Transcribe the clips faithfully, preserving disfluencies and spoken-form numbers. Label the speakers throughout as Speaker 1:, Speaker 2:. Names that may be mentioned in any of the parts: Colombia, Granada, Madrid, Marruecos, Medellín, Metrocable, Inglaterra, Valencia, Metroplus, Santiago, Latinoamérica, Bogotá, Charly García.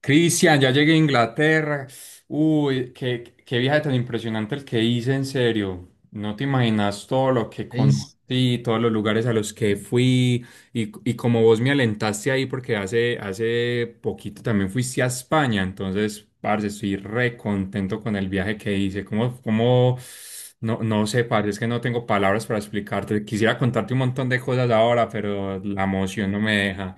Speaker 1: Cristian, ya llegué a Inglaterra. Uy, qué, qué viaje tan impresionante el que hice, en serio. No te imaginas todo lo que
Speaker 2: Ey, s-
Speaker 1: conocí, todos los lugares a los que fui y, y como vos me alentaste ahí porque hace, hace poquito también fuiste a España, entonces, parce, estoy re contento con el viaje que hice. ¿Cómo, cómo, no, no sé, parce? Es que no tengo palabras para explicarte. Quisiera contarte un montón de cosas ahora, pero la emoción no me deja.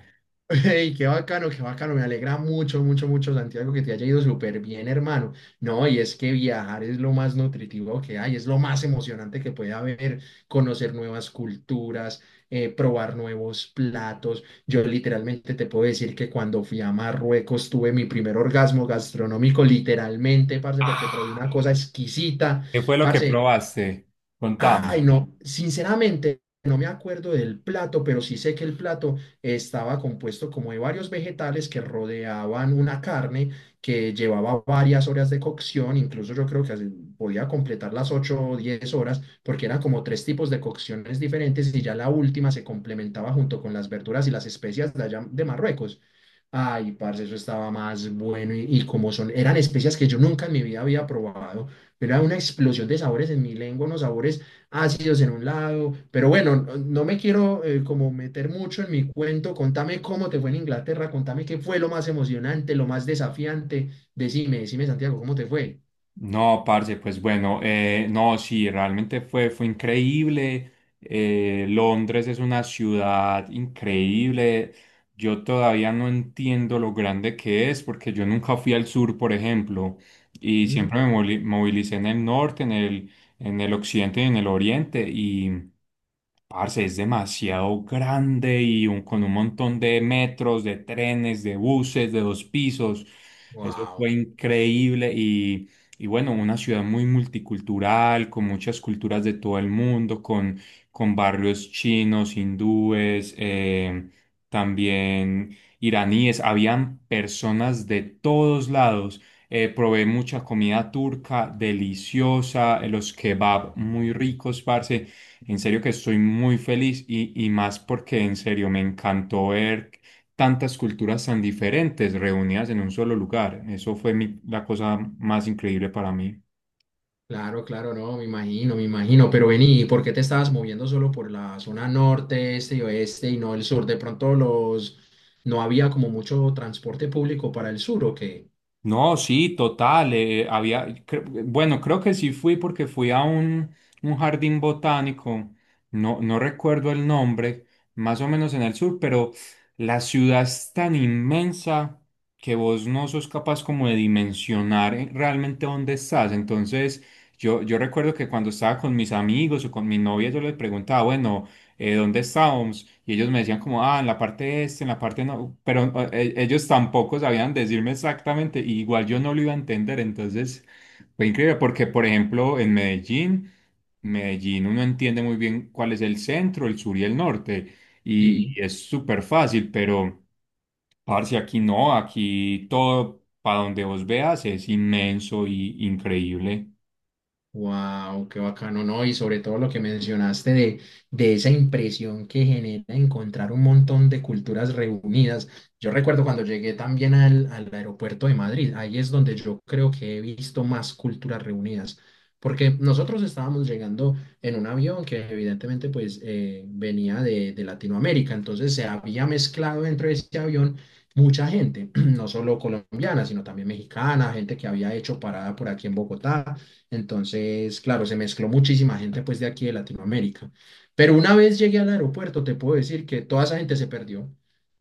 Speaker 2: ey, qué bacano, qué bacano. Me alegra mucho, mucho, mucho, Santiago, que te haya ido súper bien, hermano. No, y es que viajar es lo más nutritivo que hay, es lo más emocionante que puede haber, conocer nuevas culturas, eh, probar nuevos platos. Yo literalmente te puedo decir que cuando fui a Marruecos tuve mi primer orgasmo gastronómico, literalmente, parce, porque probé una
Speaker 1: Ah.
Speaker 2: cosa exquisita,
Speaker 1: ¿Qué fue lo que
Speaker 2: parce.
Speaker 1: probaste? Contame.
Speaker 2: Ay, no, sinceramente no me acuerdo del plato, pero sí sé que el plato estaba compuesto como de varios vegetales que rodeaban una carne que llevaba varias horas de cocción, incluso yo creo que así podía completar las ocho o diez horas, porque eran como tres tipos de cocciones diferentes y ya la última se complementaba junto con las verduras y las especias de allá de Marruecos. Ay, parce, eso estaba más bueno y, y como son, eran especias que yo nunca en mi vida había probado, era una explosión de sabores en mi lengua, unos sabores ácidos en un lado, pero bueno, no, no me quiero eh, como meter mucho en mi cuento. Contame cómo te fue en Inglaterra, contame qué fue lo más emocionante, lo más desafiante, decime, decime, Santiago, ¿cómo te fue?
Speaker 1: No, parce, pues bueno, eh, no, sí, realmente fue, fue increíble. Eh, Londres es una ciudad increíble. Yo todavía no entiendo lo grande que es porque yo nunca fui al sur, por ejemplo, y siempre me moli- movilicé en el norte, en el, en el occidente y en el oriente. Y, Parce, es demasiado grande y un- con un montón de metros, de trenes, de buses, de dos pisos. Eso
Speaker 2: Wow,
Speaker 1: fue increíble y, y bueno, una ciudad muy multicultural, con muchas culturas de todo el mundo, con, con barrios chinos, hindúes, eh, también iraníes. Habían personas de todos lados. Eh, probé mucha comida turca, deliciosa, eh, los kebab muy ricos, parce. En serio que estoy muy feliz y, y más porque en serio me encantó ver tantas culturas tan diferentes reunidas en un solo lugar. Eso fue mi- la cosa más increíble para mí.
Speaker 2: claro, claro, no, me imagino, me imagino, pero vení, ¿y por qué te estabas moviendo solo por la zona norte, este y oeste y no el sur? De pronto los, no había como mucho transporte público para el sur, ¿o qué?
Speaker 1: No, sí, total. Eh, había, cre- bueno, creo que sí fui porque fui a un, un jardín botánico, no, no recuerdo el nombre, más o menos en el sur, pero la ciudad es tan inmensa que vos no sos capaz como de dimensionar eh, realmente dónde estás. Entonces, yo, yo recuerdo que cuando estaba con mis amigos o con mi novia, yo les preguntaba, bueno, eh, ¿dónde estábamos? Y ellos me decían como, ah, en la parte este, en la parte no, pero eh, eh, ellos tampoco sabían decirme exactamente, y igual yo no lo iba a entender, entonces fue increíble porque, por ejemplo, en Medellín, Medellín uno entiende muy bien cuál es el centro, el sur y el norte, y,
Speaker 2: Sí.
Speaker 1: y es súper fácil, pero... Parce, aquí no, aquí todo para donde vos veas es inmenso y increíble.
Speaker 2: Wow, qué bacano, ¿no? Y sobre todo lo que mencionaste de, de esa impresión que genera encontrar un montón de culturas reunidas. Yo recuerdo cuando llegué también al, al aeropuerto de Madrid, ahí es donde yo creo que he visto más culturas reunidas, porque nosotros estábamos llegando en un avión que evidentemente pues eh, venía de, de Latinoamérica. Entonces se había mezclado dentro de ese avión mucha gente, no solo colombiana, sino también mexicana, gente que había hecho parada por aquí en Bogotá. Entonces, claro, se mezcló muchísima gente pues de aquí de Latinoamérica. Pero una vez llegué al aeropuerto, te puedo decir que toda esa gente se perdió.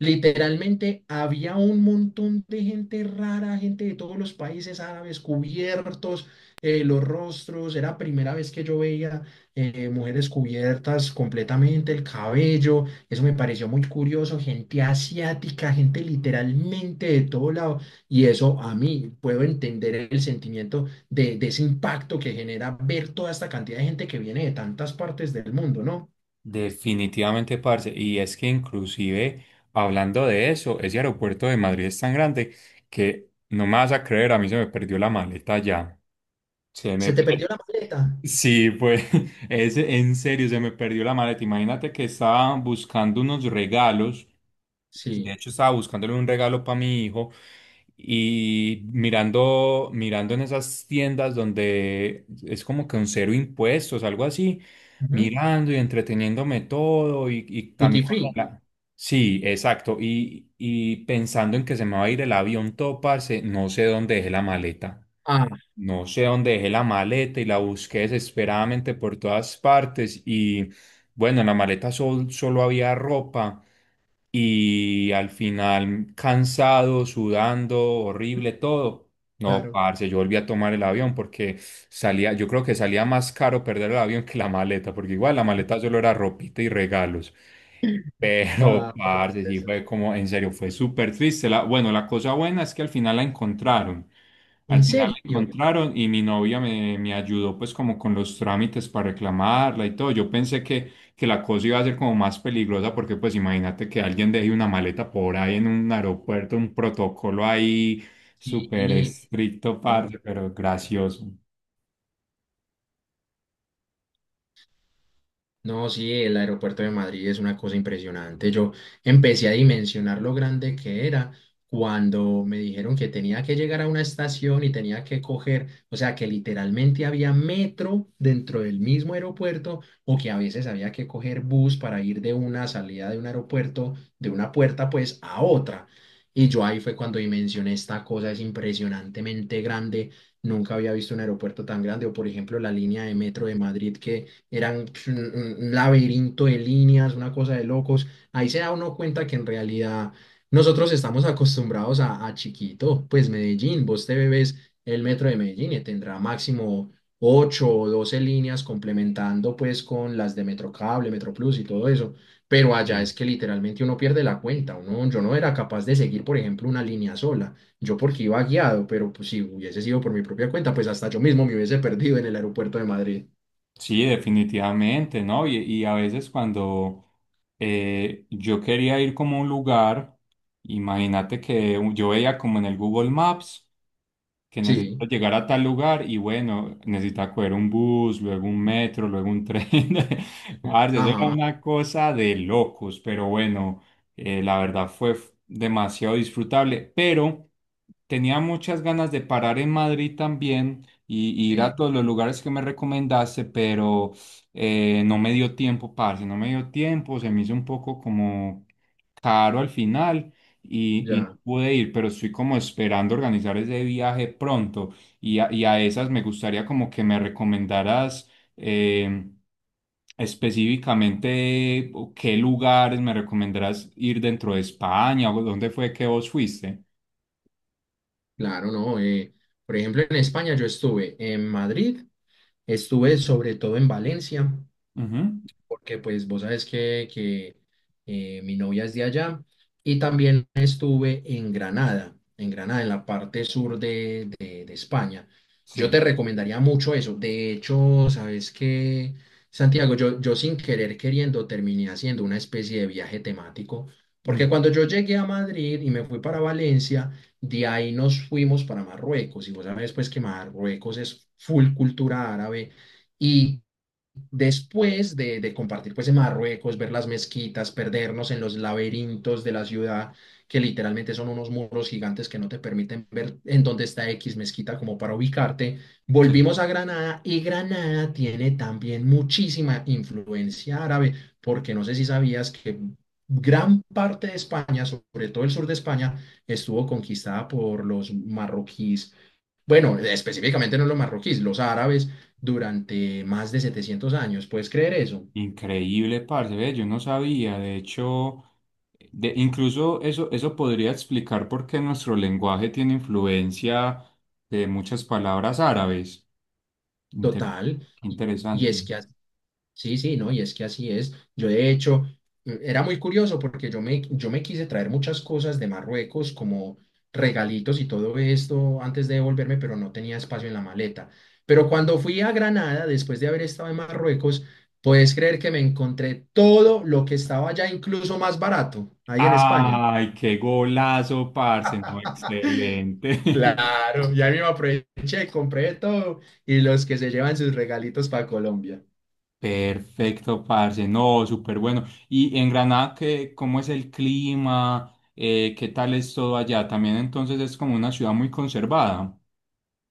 Speaker 2: Literalmente había un montón de gente rara, gente de todos los países árabes cubiertos, eh, los rostros. Era primera vez que yo veía eh, mujeres cubiertas completamente, el cabello. Eso me pareció muy curioso, gente asiática, gente literalmente de todo lado, y eso a mí puedo entender el sentimiento de, de ese impacto que genera ver toda esta cantidad de gente que viene de tantas partes del mundo, ¿no?
Speaker 1: Definitivamente, parce. Y es que inclusive, hablando de eso, ese aeropuerto de Madrid es tan grande que no me vas a creer, a mí se me perdió la maleta ya. Se
Speaker 2: ¿Se
Speaker 1: me...
Speaker 2: te perdió la maleta?
Speaker 1: Sí, pues, es, en serio, se me perdió la maleta. Imagínate que estaba buscando unos regalos, de
Speaker 2: Sí.
Speaker 1: hecho, estaba buscándole un regalo para mi hijo y mirando, mirando en esas tiendas donde es como que un cero impuestos, algo así,
Speaker 2: Ujú.
Speaker 1: mirando y entreteniéndome todo y, y también
Speaker 2: Duty
Speaker 1: con
Speaker 2: free.
Speaker 1: la- sí, exacto. Y, y pensando en que se me va a ir el avión todo, parce, no sé dónde dejé la maleta.
Speaker 2: Ah,
Speaker 1: No sé dónde dejé la maleta y la busqué desesperadamente por todas partes y bueno, en la maleta sol- solo había ropa y al final cansado, sudando, horrible, todo. No,
Speaker 2: claro.
Speaker 1: parce, yo volví a tomar el avión porque salía, yo creo que salía más caro perder el avión que la maleta, porque igual la maleta solo era ropita y regalos. Pero,
Speaker 2: Ah, pero qué
Speaker 1: parce, sí
Speaker 2: pesar.
Speaker 1: fue como, en serio, fue súper triste. La, bueno, la cosa buena es que al final la encontraron.
Speaker 2: ¿En
Speaker 1: Al final la
Speaker 2: serio?
Speaker 1: encontraron y mi novia me, me ayudó pues como con los trámites para reclamarla y todo. Yo pensé que, que la cosa iba a ser como más peligrosa porque pues imagínate que alguien deje una maleta por ahí en un aeropuerto, un protocolo ahí súper
Speaker 2: Sí,
Speaker 1: estricto,
Speaker 2: no.
Speaker 1: parce, pero gracioso.
Speaker 2: No, sí, el aeropuerto de Madrid es una cosa impresionante. Yo empecé a dimensionar lo grande que era cuando me dijeron que tenía que llegar a una estación y tenía que coger, o sea, que literalmente había metro dentro del mismo aeropuerto, o que a veces había que coger bus para ir de una salida de un aeropuerto, de una puerta pues a otra. Y yo ahí fue cuando dimensioné esta cosa: es impresionantemente grande. Nunca había visto un aeropuerto tan grande, o por ejemplo la línea de metro de Madrid, que eran pues un, un- un laberinto de líneas, una cosa de locos. Ahí se da uno cuenta que en realidad nosotros estamos acostumbrados a, a chiquito. Pues Medellín, vos te bebes el metro de Medellín y tendrá máximo ocho o doce líneas, complementando pues con las de Metrocable, Metroplus y todo eso. Pero allá
Speaker 1: Sí.
Speaker 2: es que literalmente uno pierde la cuenta. Uno, yo no era capaz de seguir, por ejemplo, una línea sola. Yo porque iba guiado, pero pues, si hubiese sido por mi propia cuenta, pues hasta yo mismo me hubiese perdido en el aeropuerto de Madrid.
Speaker 1: Sí, definitivamente, ¿no? Y, y a veces cuando eh, yo quería ir como a un lugar, imagínate que yo veía como en el Google Maps que necesito
Speaker 2: Sí.
Speaker 1: llegar a tal lugar y bueno, necesitaba coger un bus, luego un metro, luego un tren. Parce, eso
Speaker 2: Ajá,
Speaker 1: era una cosa de locos, pero bueno, eh, la verdad fue f- demasiado disfrutable, pero tenía muchas ganas de parar en Madrid también y, y ir
Speaker 2: sí,
Speaker 1: a todos los lugares que me recomendaste, pero eh, no me dio tiempo, parce, no me dio tiempo, se me hizo un poco como caro al final y, y no
Speaker 2: ya,
Speaker 1: pude ir, pero estoy como esperando organizar ese viaje pronto y a, y a esas me gustaría como que me recomendaras eh, específicamente o qué lugares me recomendarás ir dentro de España o dónde fue que vos fuiste.
Speaker 2: claro, ¿no? Eh, por ejemplo, en España yo estuve en Madrid, estuve sobre todo en Valencia,
Speaker 1: Ujú.
Speaker 2: porque pues vos sabes que, que eh, mi novia es de allá, y también estuve en Granada, en Granada, en la parte sur de, de- de España. Yo te
Speaker 1: Sí.
Speaker 2: recomendaría mucho eso. De hecho, sabes que, Santiago, yo, yo sin querer queriendo terminé haciendo una especie de viaje temático, porque
Speaker 1: Mm,
Speaker 2: cuando yo llegué a Madrid y me fui para Valencia, de ahí nos fuimos para Marruecos, y vos sabes pues que Marruecos es full cultura árabe. Y después de, de compartir pues en Marruecos, ver las mezquitas, perdernos en los laberintos de la ciudad, que literalmente son unos muros gigantes que no te permiten ver en dónde está X mezquita como para ubicarte,
Speaker 1: sí.
Speaker 2: volvimos a Granada, y Granada tiene también muchísima influencia árabe, porque no sé si sabías que gran parte de España, sobre todo el sur de España, estuvo conquistada por los marroquíes. Bueno, específicamente no los marroquíes, los árabes, durante más de setecientos años. ¿Puedes creer eso?
Speaker 1: Increíble, parce, ve, yo no sabía, de hecho, de, incluso eso, eso podría explicar por qué nuestro lenguaje tiene influencia de muchas palabras árabes. Inter-
Speaker 2: Total. Y, y
Speaker 1: Interesante.
Speaker 2: es que así, sí, sí, no, y es que así es. Yo de hecho eh, era muy curioso, porque yo me, yo me quise traer muchas cosas de Marruecos como regalitos y todo esto antes de devolverme, pero no tenía espacio en la maleta. Pero cuando fui a Granada, después de haber estado en Marruecos, puedes creer que me encontré todo lo que estaba ya incluso más barato ahí en España.
Speaker 1: Ay, qué golazo, parce, no, excelente.
Speaker 2: Claro, ya mismo aproveché, compré todo, y los que se llevan sus regalitos para Colombia.
Speaker 1: Perfecto, parce, no, súper bueno. ¿Y en Granada, qué, cómo es el clima? Eh, ¿qué tal es todo allá? También entonces es como una ciudad muy conservada.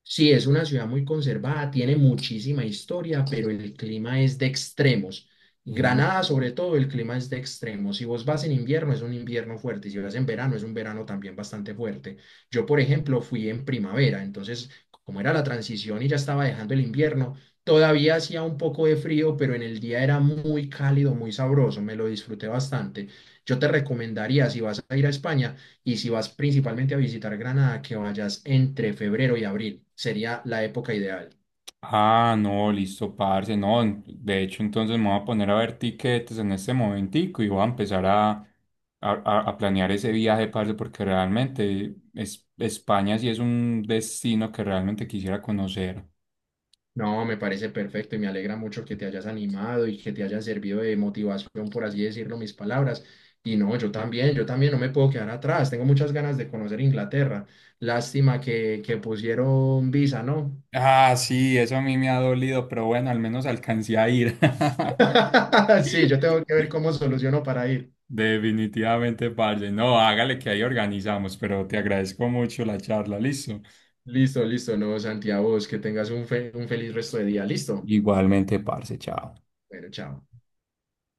Speaker 2: Sí, es una ciudad muy conservada, tiene muchísima historia, pero el clima es de extremos.
Speaker 1: Ujú.
Speaker 2: Granada, sobre todo, el clima es de extremos. Si vos vas en invierno, es un invierno fuerte. Y si vas en verano, es un verano también bastante fuerte. Yo, por ejemplo, fui en primavera, entonces, como era la transición y ya estaba dejando el invierno, todavía hacía un poco de frío, pero en el día era muy cálido, muy sabroso. Me lo disfruté bastante. Yo te recomendaría, si vas a ir a España, y si vas principalmente a visitar Granada, que vayas entre febrero y abril, sería la época ideal.
Speaker 1: Ah, no, listo, parce. No, en- de hecho, entonces me voy a poner a ver tiquetes en este momentico y voy a empezar a, a, a- a planear ese viaje, parce, porque realmente es, España sí es un destino que realmente quisiera conocer.
Speaker 2: No, me parece perfecto, y me alegra mucho que te hayas animado y que te hayan servido de motivación, por así decirlo, mis palabras. Y no, yo también, yo también no me puedo quedar atrás. Tengo muchas ganas de conocer Inglaterra. Lástima que, que pusieron visa, ¿no?
Speaker 1: Ah, sí, eso a mí me ha dolido, pero bueno, al menos alcancé a ir.
Speaker 2: Sí, yo tengo que ver cómo soluciono para ir.
Speaker 1: Definitivamente, parce. No, hágale que ahí organizamos, pero te agradezco mucho la charla, listo.
Speaker 2: Listo, listo, no, Santiago, vos que tengas un, fe- un feliz resto de día. Listo.
Speaker 1: Igualmente, parce, chao.
Speaker 2: Bueno, chao.